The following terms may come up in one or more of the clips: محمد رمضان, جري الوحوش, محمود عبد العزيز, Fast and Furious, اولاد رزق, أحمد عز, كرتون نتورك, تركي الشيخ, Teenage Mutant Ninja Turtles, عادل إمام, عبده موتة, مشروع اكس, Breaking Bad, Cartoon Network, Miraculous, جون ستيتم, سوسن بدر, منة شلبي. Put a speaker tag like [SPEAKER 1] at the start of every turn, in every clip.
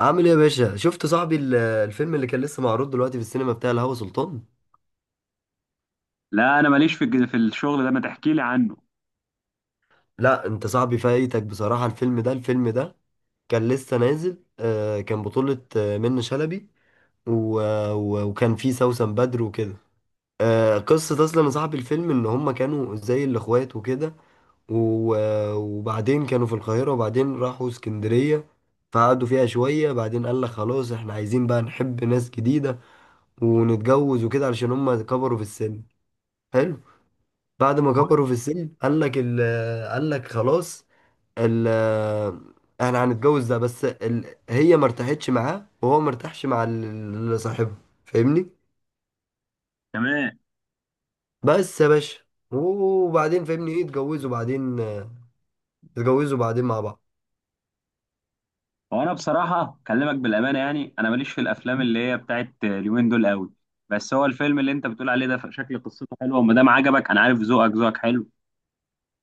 [SPEAKER 1] عامل ايه يا باشا؟ شفت صاحبي الفيلم اللي كان لسه معروض دلوقتي في السينما بتاع الهوى سلطان؟
[SPEAKER 2] لا، انا ماليش في الشغل ده، ما تحكي لي عنه.
[SPEAKER 1] لا انت صاحبي فايتك بصراحة. الفيلم ده الفيلم ده كان لسه نازل، كان بطولة، منة شلبي و- و- وكان فيه سوسن بدر وكده. قصة اصلا يا صاحبي الفيلم ان هما كانوا زي الاخوات وكده. و- وبعدين كانوا في القاهرة وبعدين راحوا اسكندرية، فقعدوا فيها شوية. بعدين قال لك خلاص، احنا عايزين بقى نحب ناس جديدة ونتجوز وكده، علشان هما كبروا في السن. حلو. بعد ما كبروا في السن قال لك قال لك خلاص ال احنا هنتجوز. ده بس هي ما ارتاحتش معاه، وهو ما ارتاحش مع اللي صاحبها. فاهمني؟
[SPEAKER 2] تمام.
[SPEAKER 1] بس يا باشا، وبعدين فاهمني، ايه اتجوزوا بعدين؟ اتجوزوا بعدين مع بعض.
[SPEAKER 2] هو انا بصراحه اكلمك بالامانه، يعني انا ماليش في الافلام اللي هي بتاعت اليومين دول قوي. بس هو الفيلم اللي انت بتقول عليه ده شكل قصته حلوه، وما دام عجبك انا عارف ذوقك، ذوقك حلو.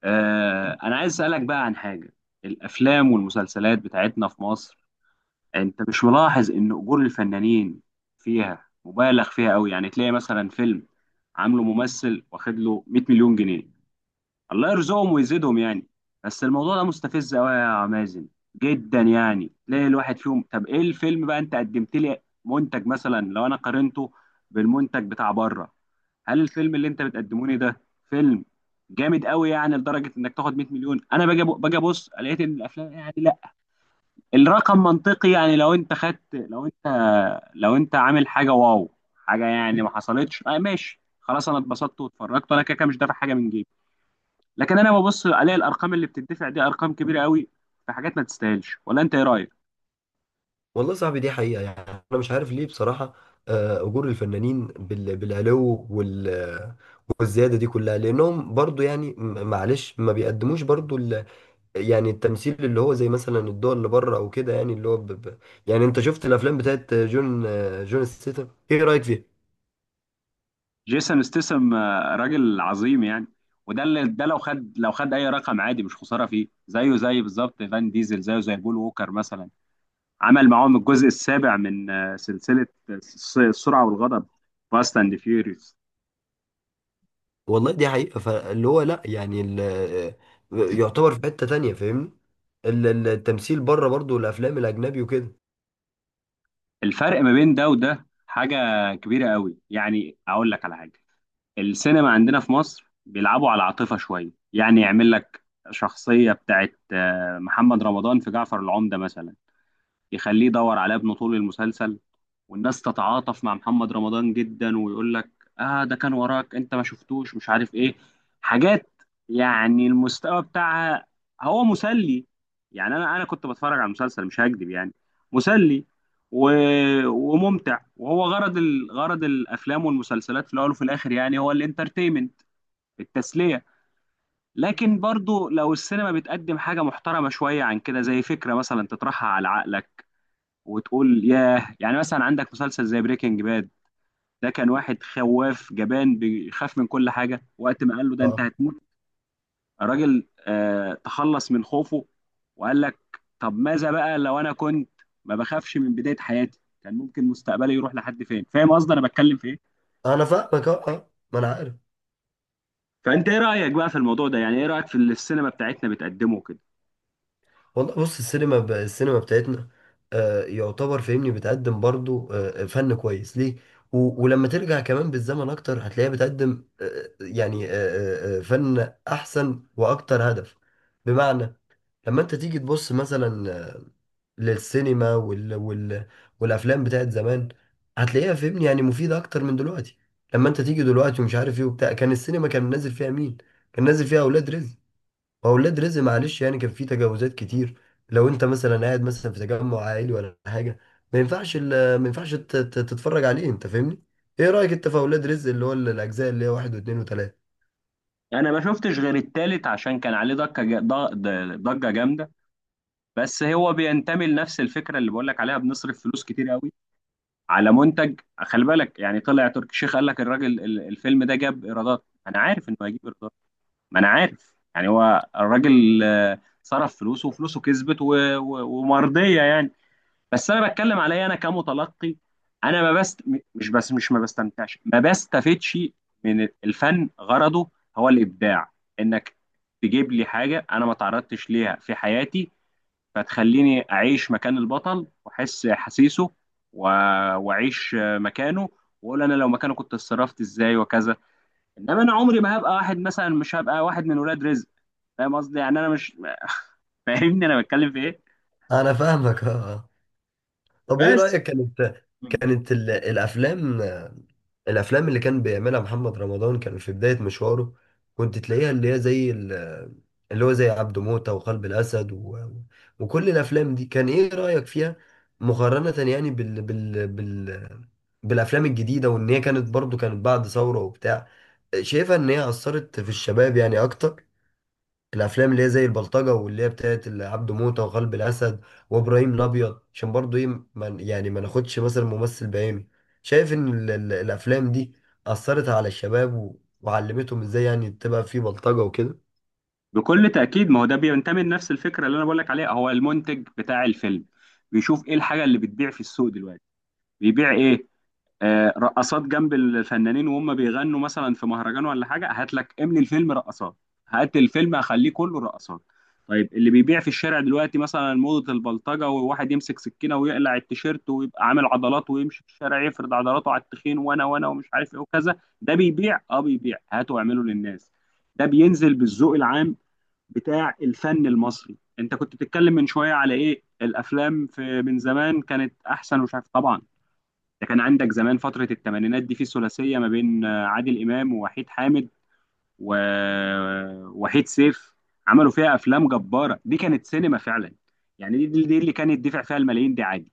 [SPEAKER 2] انا عايز اسالك بقى عن حاجه. الافلام والمسلسلات بتاعتنا في مصر، انت مش ملاحظ ان اجور الفنانين فيها مبالغ فيها قوي؟ يعني تلاقي مثلا فيلم عامله ممثل واخد له 100 مليون جنيه، الله يرزقهم ويزيدهم يعني. بس الموضوع ده مستفز قوي يا مازن، جدا يعني، ليه الواحد فيهم؟ طب ايه الفيلم بقى؟ انت قدمت لي منتج، مثلا لو انا قارنته بالمنتج بتاع بره، هل الفيلم اللي انت بتقدموني ده فيلم جامد قوي يعني لدرجه انك تاخد 100 مليون؟ انا باجي ابص، لقيت ان الافلام يعني لا، الرقم منطقي، يعني لو انت خدت لو انت لو انت عامل حاجه، واو حاجه، يعني ما حصلتش، ماشي خلاص، انا اتبسطت واتفرجت، انا كده كده مش دافع حاجه من جيبي. لكن انا ببص، الاقي الارقام اللي بتدفع دي ارقام كبيره قوي، في حاجات ما تستاهلش، ولا انت ايه رايك؟
[SPEAKER 1] والله صاحبي دي حقيقة يعني، انا مش عارف ليه بصراحة. اجور الفنانين بالعلو والزيادة دي كلها لانهم برضو يعني معلش ما بيقدموش برضو يعني التمثيل اللي هو زي مثلا الدول اللي بره او كده، يعني اللي هو يعني انت شفت الافلام بتاعت جون ستيتم؟ ايه رايك فيها؟
[SPEAKER 2] جيسون ستيسم، راجل عظيم يعني، وده اللي ده لو خد اي رقم عادي مش خساره فيه، زيه زي بالظبط فان ديزل، زيه زي بول ووكر مثلا. عمل معاهم الجزء السابع من سلسله السرعه والغضب، فاست اند فيوريوس.
[SPEAKER 1] والله دي حقيقه، فاللي هو لا يعني يعتبر في حته تانية فاهمني. التمثيل بره برضو، الافلام الاجنبي وكده.
[SPEAKER 2] الفرق ما بين ده وده حاجه كبيره قوي، يعني اقول لك على حاجه، السينما عندنا في مصر بيلعبوا على العاطفة شوية، يعني يعمل لك شخصية بتاعت محمد رمضان في جعفر العمدة مثلا، يخليه يدور على ابنه طول المسلسل، والناس تتعاطف مع محمد رمضان جدا، ويقول لك اه، ده كان وراك، انت ما شفتوش، مش عارف ايه، حاجات، يعني المستوى بتاعها هو مسلي. يعني انا كنت بتفرج على المسلسل، مش هكذب يعني، مسلي و... وممتع، وهو غرض غرض الافلام والمسلسلات في الاول وفي الاخر، يعني هو الانترتينمنت، التسليه. لكن برضو لو السينما بتقدم حاجه محترمه شويه عن كده، زي فكره مثلا تطرحها على عقلك وتقول ياه، يعني مثلا عندك مسلسل زي بريكنج باد، ده كان واحد خواف جبان بيخاف من كل حاجه، وقت ما قال له ده انت
[SPEAKER 1] اه
[SPEAKER 2] هتموت، الراجل تخلص من خوفه، وقال لك طب ماذا بقى لو انا كنت ما بخافش من بدايه حياتي، كان ممكن مستقبلي يروح لحد فين؟ فاهم قصدي انا بتكلم في ايه؟
[SPEAKER 1] انا فاهمك اه. ما انا عارف.
[SPEAKER 2] فانت ايه رايك بقى في الموضوع ده؟ يعني ايه رايك في اللي السينما بتاعتنا بتقدمه كده؟
[SPEAKER 1] والله بص، السينما السينما بتاعتنا آه يعتبر فاهمني بتقدم برضو فن كويس ليه. و... ولما ترجع كمان بالزمن اكتر هتلاقيها بتقدم آه يعني فن احسن واكتر هدف. بمعنى لما انت تيجي تبص مثلا، للسينما وال... وال... والافلام بتاعت زمان، هتلاقيها فاهمني يعني مفيدة اكتر من دلوقتي. لما انت تيجي دلوقتي ومش عارف ايه وبتاع، كان السينما كان نازل فيها مين؟ كان نازل فيها اولاد رزق. واولاد رزق معلش يعني كان في تجاوزات كتير. لو انت مثلا قاعد مثلا في تجمع عائلي ولا حاجه، ما ينفعش تتفرج عليه انت فاهمني. ايه رايك انت في اولاد رزق اللي هو الاجزاء اللي هي واحد واثنين وثلاثه؟
[SPEAKER 2] انا ما شفتش غير التالت عشان كان عليه ضجه ضجه جامده. بس هو بينتمي لنفس الفكره اللي بقول لك عليها، بنصرف فلوس كتير قوي على منتج، خلي بالك، يعني طلع تركي الشيخ قال لك الراجل الفيلم ده جاب ايرادات، ما انا عارف انه هيجيب ايرادات، ما انا عارف يعني، هو الراجل صرف فلوسه وفلوسه كسبت ومرضيه يعني. بس انا بتكلم عليا انا كمتلقي، انا ما بست م- مش بس مش ما بستمتعش ما بستفدش من الفن، غرضه هو الابداع، انك تجيب لي حاجه انا ما تعرضتش ليها في حياتي، فتخليني اعيش مكان البطل واحس احاسيسه و- واعيش مكانه، واقول انا لو مكانه كنت اتصرفت ازاي وكذا. انما انا عمري ما هبقى واحد مثلا، مش هبقى واحد من ولاد رزق، فاهم قصدي؟ يعني انا مش. فاهمني انا بتكلم في ايه.
[SPEAKER 1] انا فاهمك اه آه. طب ايه
[SPEAKER 2] بس،
[SPEAKER 1] رايك؟ كانت كانت ال- الافلام الافلام اللي كان بيعملها محمد رمضان كان في بداية مشواره، كنت تلاقيها اللي هي زي ال- اللي هو زي عبده موتة وقلب الاسد و... وكل الافلام دي، كان ايه رأيك فيها مقارنة يعني بالافلام الجديدة؟ وان هي كانت برضو كانت بعد ثورة وبتاع، شايفها ان هي اثرت في الشباب يعني اكتر، الافلام اللي هي زي البلطجه واللي هي بتاعت عبده موته وقلب الاسد وابراهيم الابيض. عشان برضو ايه، يعني ما ناخدش مثلا ممثل بعينه، شايف ان الافلام دي اثرت على الشباب و- وعلمتهم ازاي يعني تبقى في بلطجه وكده؟
[SPEAKER 2] بكل تاكيد ما هو ده بينتمي لنفس الفكره اللي انا بقول لك عليها، هو المنتج بتاع الفيلم بيشوف ايه الحاجه اللي بتبيع في السوق دلوقتي، بيبيع ايه؟ رقصات جنب الفنانين وهم بيغنوا مثلا في مهرجان ولا حاجه، هات لك املي الفيلم رقصات، هات الفيلم اخليه كله رقصات. طيب اللي بيبيع في الشارع دلوقتي مثلا موضه البلطجه، وواحد يمسك سكينه ويقلع التيشيرت ويبقى عامل عضلات ويمشي في الشارع يفرد عضلاته على التخين، وانا وانا ومش عارف ايه وكذا، ده بيبيع، بيبيع، هاته واعمله للناس، ده بينزل بالذوق العام بتاع الفن المصري. انت كنت بتتكلم من شويه على ايه الافلام في من زمان كانت احسن، ومش عارف طبعا، ده كان عندك زمان فترة الثمانينات دي، في ثلاثية ما بين عادل إمام ووحيد حامد ووحيد سيف، عملوا فيها أفلام جبارة، دي كانت سينما فعلا. يعني دي اللي كانت دفع فيها الملايين دي عادي،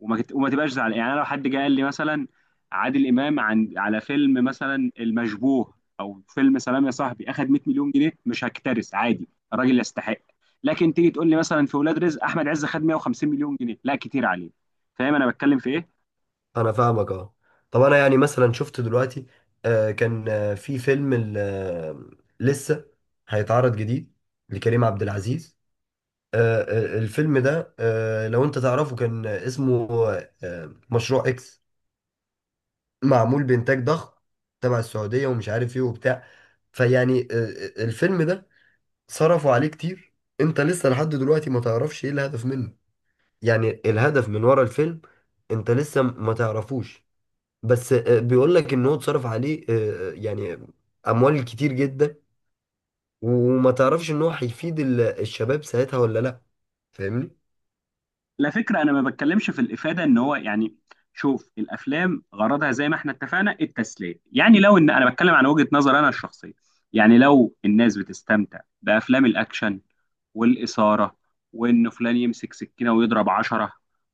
[SPEAKER 2] وما تبقاش زعلان يعني. أنا لو حد جه قال لي مثلا عادل إمام على فيلم مثلا المشبوه، أو فيلم سلام يا صاحبي، أخد 100 مليون جنيه، مش هكترث عادي، الراجل يستحق. لكن تيجي تقول لي مثلا في ولاد رزق أحمد عز خد 150 مليون جنيه، لا، كتير عليه، فاهم أنا بتكلم في إيه؟
[SPEAKER 1] انا فاهمك اه. طب انا يعني مثلا شفت دلوقتي كان آه في فيلم لسه هيتعرض جديد لكريم عبد العزيز. آه الفيلم ده آه لو انت تعرفه كان اسمه مشروع اكس، معمول بإنتاج ضخم تبع السعودية ومش عارف إيه وبتاع. فيعني، الفيلم ده صرفوا عليه كتير، أنت لسه لحد دلوقتي ما تعرفش إيه الهدف منه، يعني الهدف من ورا الفيلم أنت لسه ما تعرفوش. بس بيقولك إن هو اتصرف عليه يعني أموال كتير جدا، وما تعرفش إن هو هيفيد الشباب ساعتها ولا لأ. فاهمني؟
[SPEAKER 2] لا، فكرة، أنا ما بتكلمش في الإفادة إن هو يعني، شوف، الأفلام غرضها زي ما إحنا اتفقنا التسلية يعني، لو إن أنا بتكلم عن وجهة نظر أنا الشخصية، يعني لو الناس بتستمتع بأفلام الأكشن والإثارة، وإن فلان يمسك سكينة ويضرب عشرة،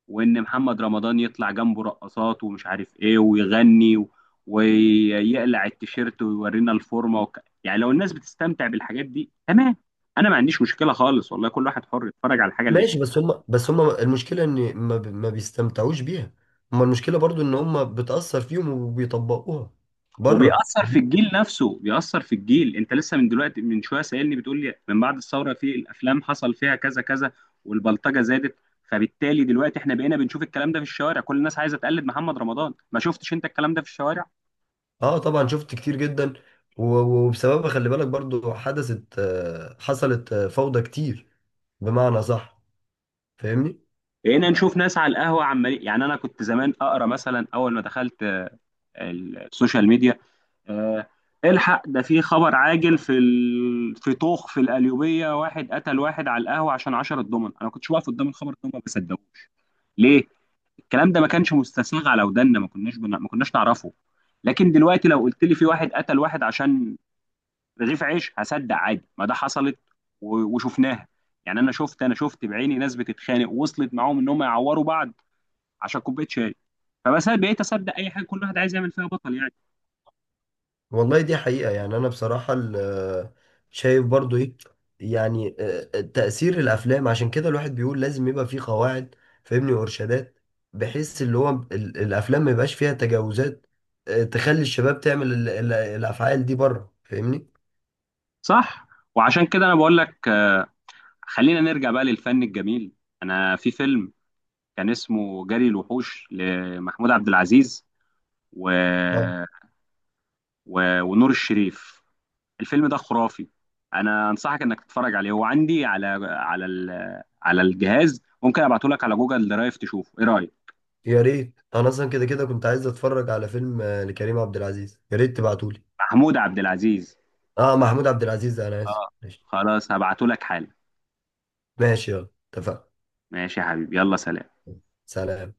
[SPEAKER 2] وإن محمد رمضان يطلع جنبه رقصات ومش عارف إيه ويغني ويقلع التيشيرت ويورينا الفورمة يعني لو الناس بتستمتع بالحاجات دي تمام، أنا ما عنديش مشكلة خالص، والله كل واحد حر يتفرج على الحاجة اللي
[SPEAKER 1] ماشي،
[SPEAKER 2] يحبها.
[SPEAKER 1] بس هم المشكلة ان ما بيستمتعوش بيها. هم المشكلة برضو ان هم بتأثر فيهم وبيطبقوها بره،
[SPEAKER 2] وبيأثر في
[SPEAKER 1] فاهمني؟
[SPEAKER 2] الجيل نفسه، بيأثر في الجيل، انت لسه من دلوقتي من شويه سألني، بتقول لي من بعد الثوره في الافلام حصل فيها كذا كذا والبلطجه زادت، فبالتالي دلوقتي احنا بقينا بنشوف الكلام ده في الشوارع، كل الناس عايزه تقلد محمد رمضان، ما شفتش انت الكلام ده في الشوارع؟
[SPEAKER 1] اه طبعا، شفت كتير جدا. و- وبسببها خلي بالك برضو حدثت، حصلت، فوضى كتير. بمعنى صح، فاهمني.
[SPEAKER 2] بقينا نشوف ناس على القهوه عمال، يعني انا كنت زمان اقرا مثلا اول ما دخلت السوشيال ميديا، آه، الحق ده في خبر عاجل، في طوخ في القليوبيه، واحد قتل واحد على القهوه عشان 10 دومن، انا ما كنتش واقف قدام الخبر ده، ما بصدقوش، ليه؟ الكلام ده ما كانش مستساغ على ودنا، ما كناش نعرفه. لكن دلوقتي لو قلت لي في واحد قتل واحد عشان رغيف عيش، هصدق عادي، ما ده حصلت وشفناها، يعني انا شفت بعيني ناس بتتخانق، وصلت معاهم ان هم يعوروا بعض عشان كوبايه شاي، فبس أنا بقيت اصدق اي حاجه، كل واحد عايز يعمل فيها بطل يعني.
[SPEAKER 1] والله دي حقيقة يعني، أنا بصراحة شايف برضو إيه يعني تأثير الأفلام. عشان كده الواحد بيقول لازم يبقى فيه قواعد فاهمني وإرشادات، بحيث اللي هو الأفلام ما يبقاش فيها تجاوزات، تخلي الشباب تعمل الأفعال دي بره. فاهمني؟
[SPEAKER 2] صح، وعشان كده انا بقول لك، خلينا نرجع بقى للفن الجميل. انا في فيلم كان اسمه جري الوحوش لمحمود عبد العزيز و...
[SPEAKER 1] اه
[SPEAKER 2] ونور الشريف، الفيلم ده خرافي، انا انصحك انك تتفرج عليه، هو عندي على الجهاز، ممكن ابعته لك على جوجل درايف، تشوفه ايه رايك؟
[SPEAKER 1] يا ريت. أنا أصلا كده كده كنت عايز أتفرج على فيلم، لكريم عبد العزيز، يا ريت تبعتولي.
[SPEAKER 2] محمود عبد العزيز.
[SPEAKER 1] أه محمود عبد العزيز، أنا آسف.
[SPEAKER 2] اه
[SPEAKER 1] ماشي
[SPEAKER 2] خلاص هبعته لك حالا،
[SPEAKER 1] ماشي يلا، اتفقنا.
[SPEAKER 2] ماشي يا حبيبي، يلا سلام.
[SPEAKER 1] سلام.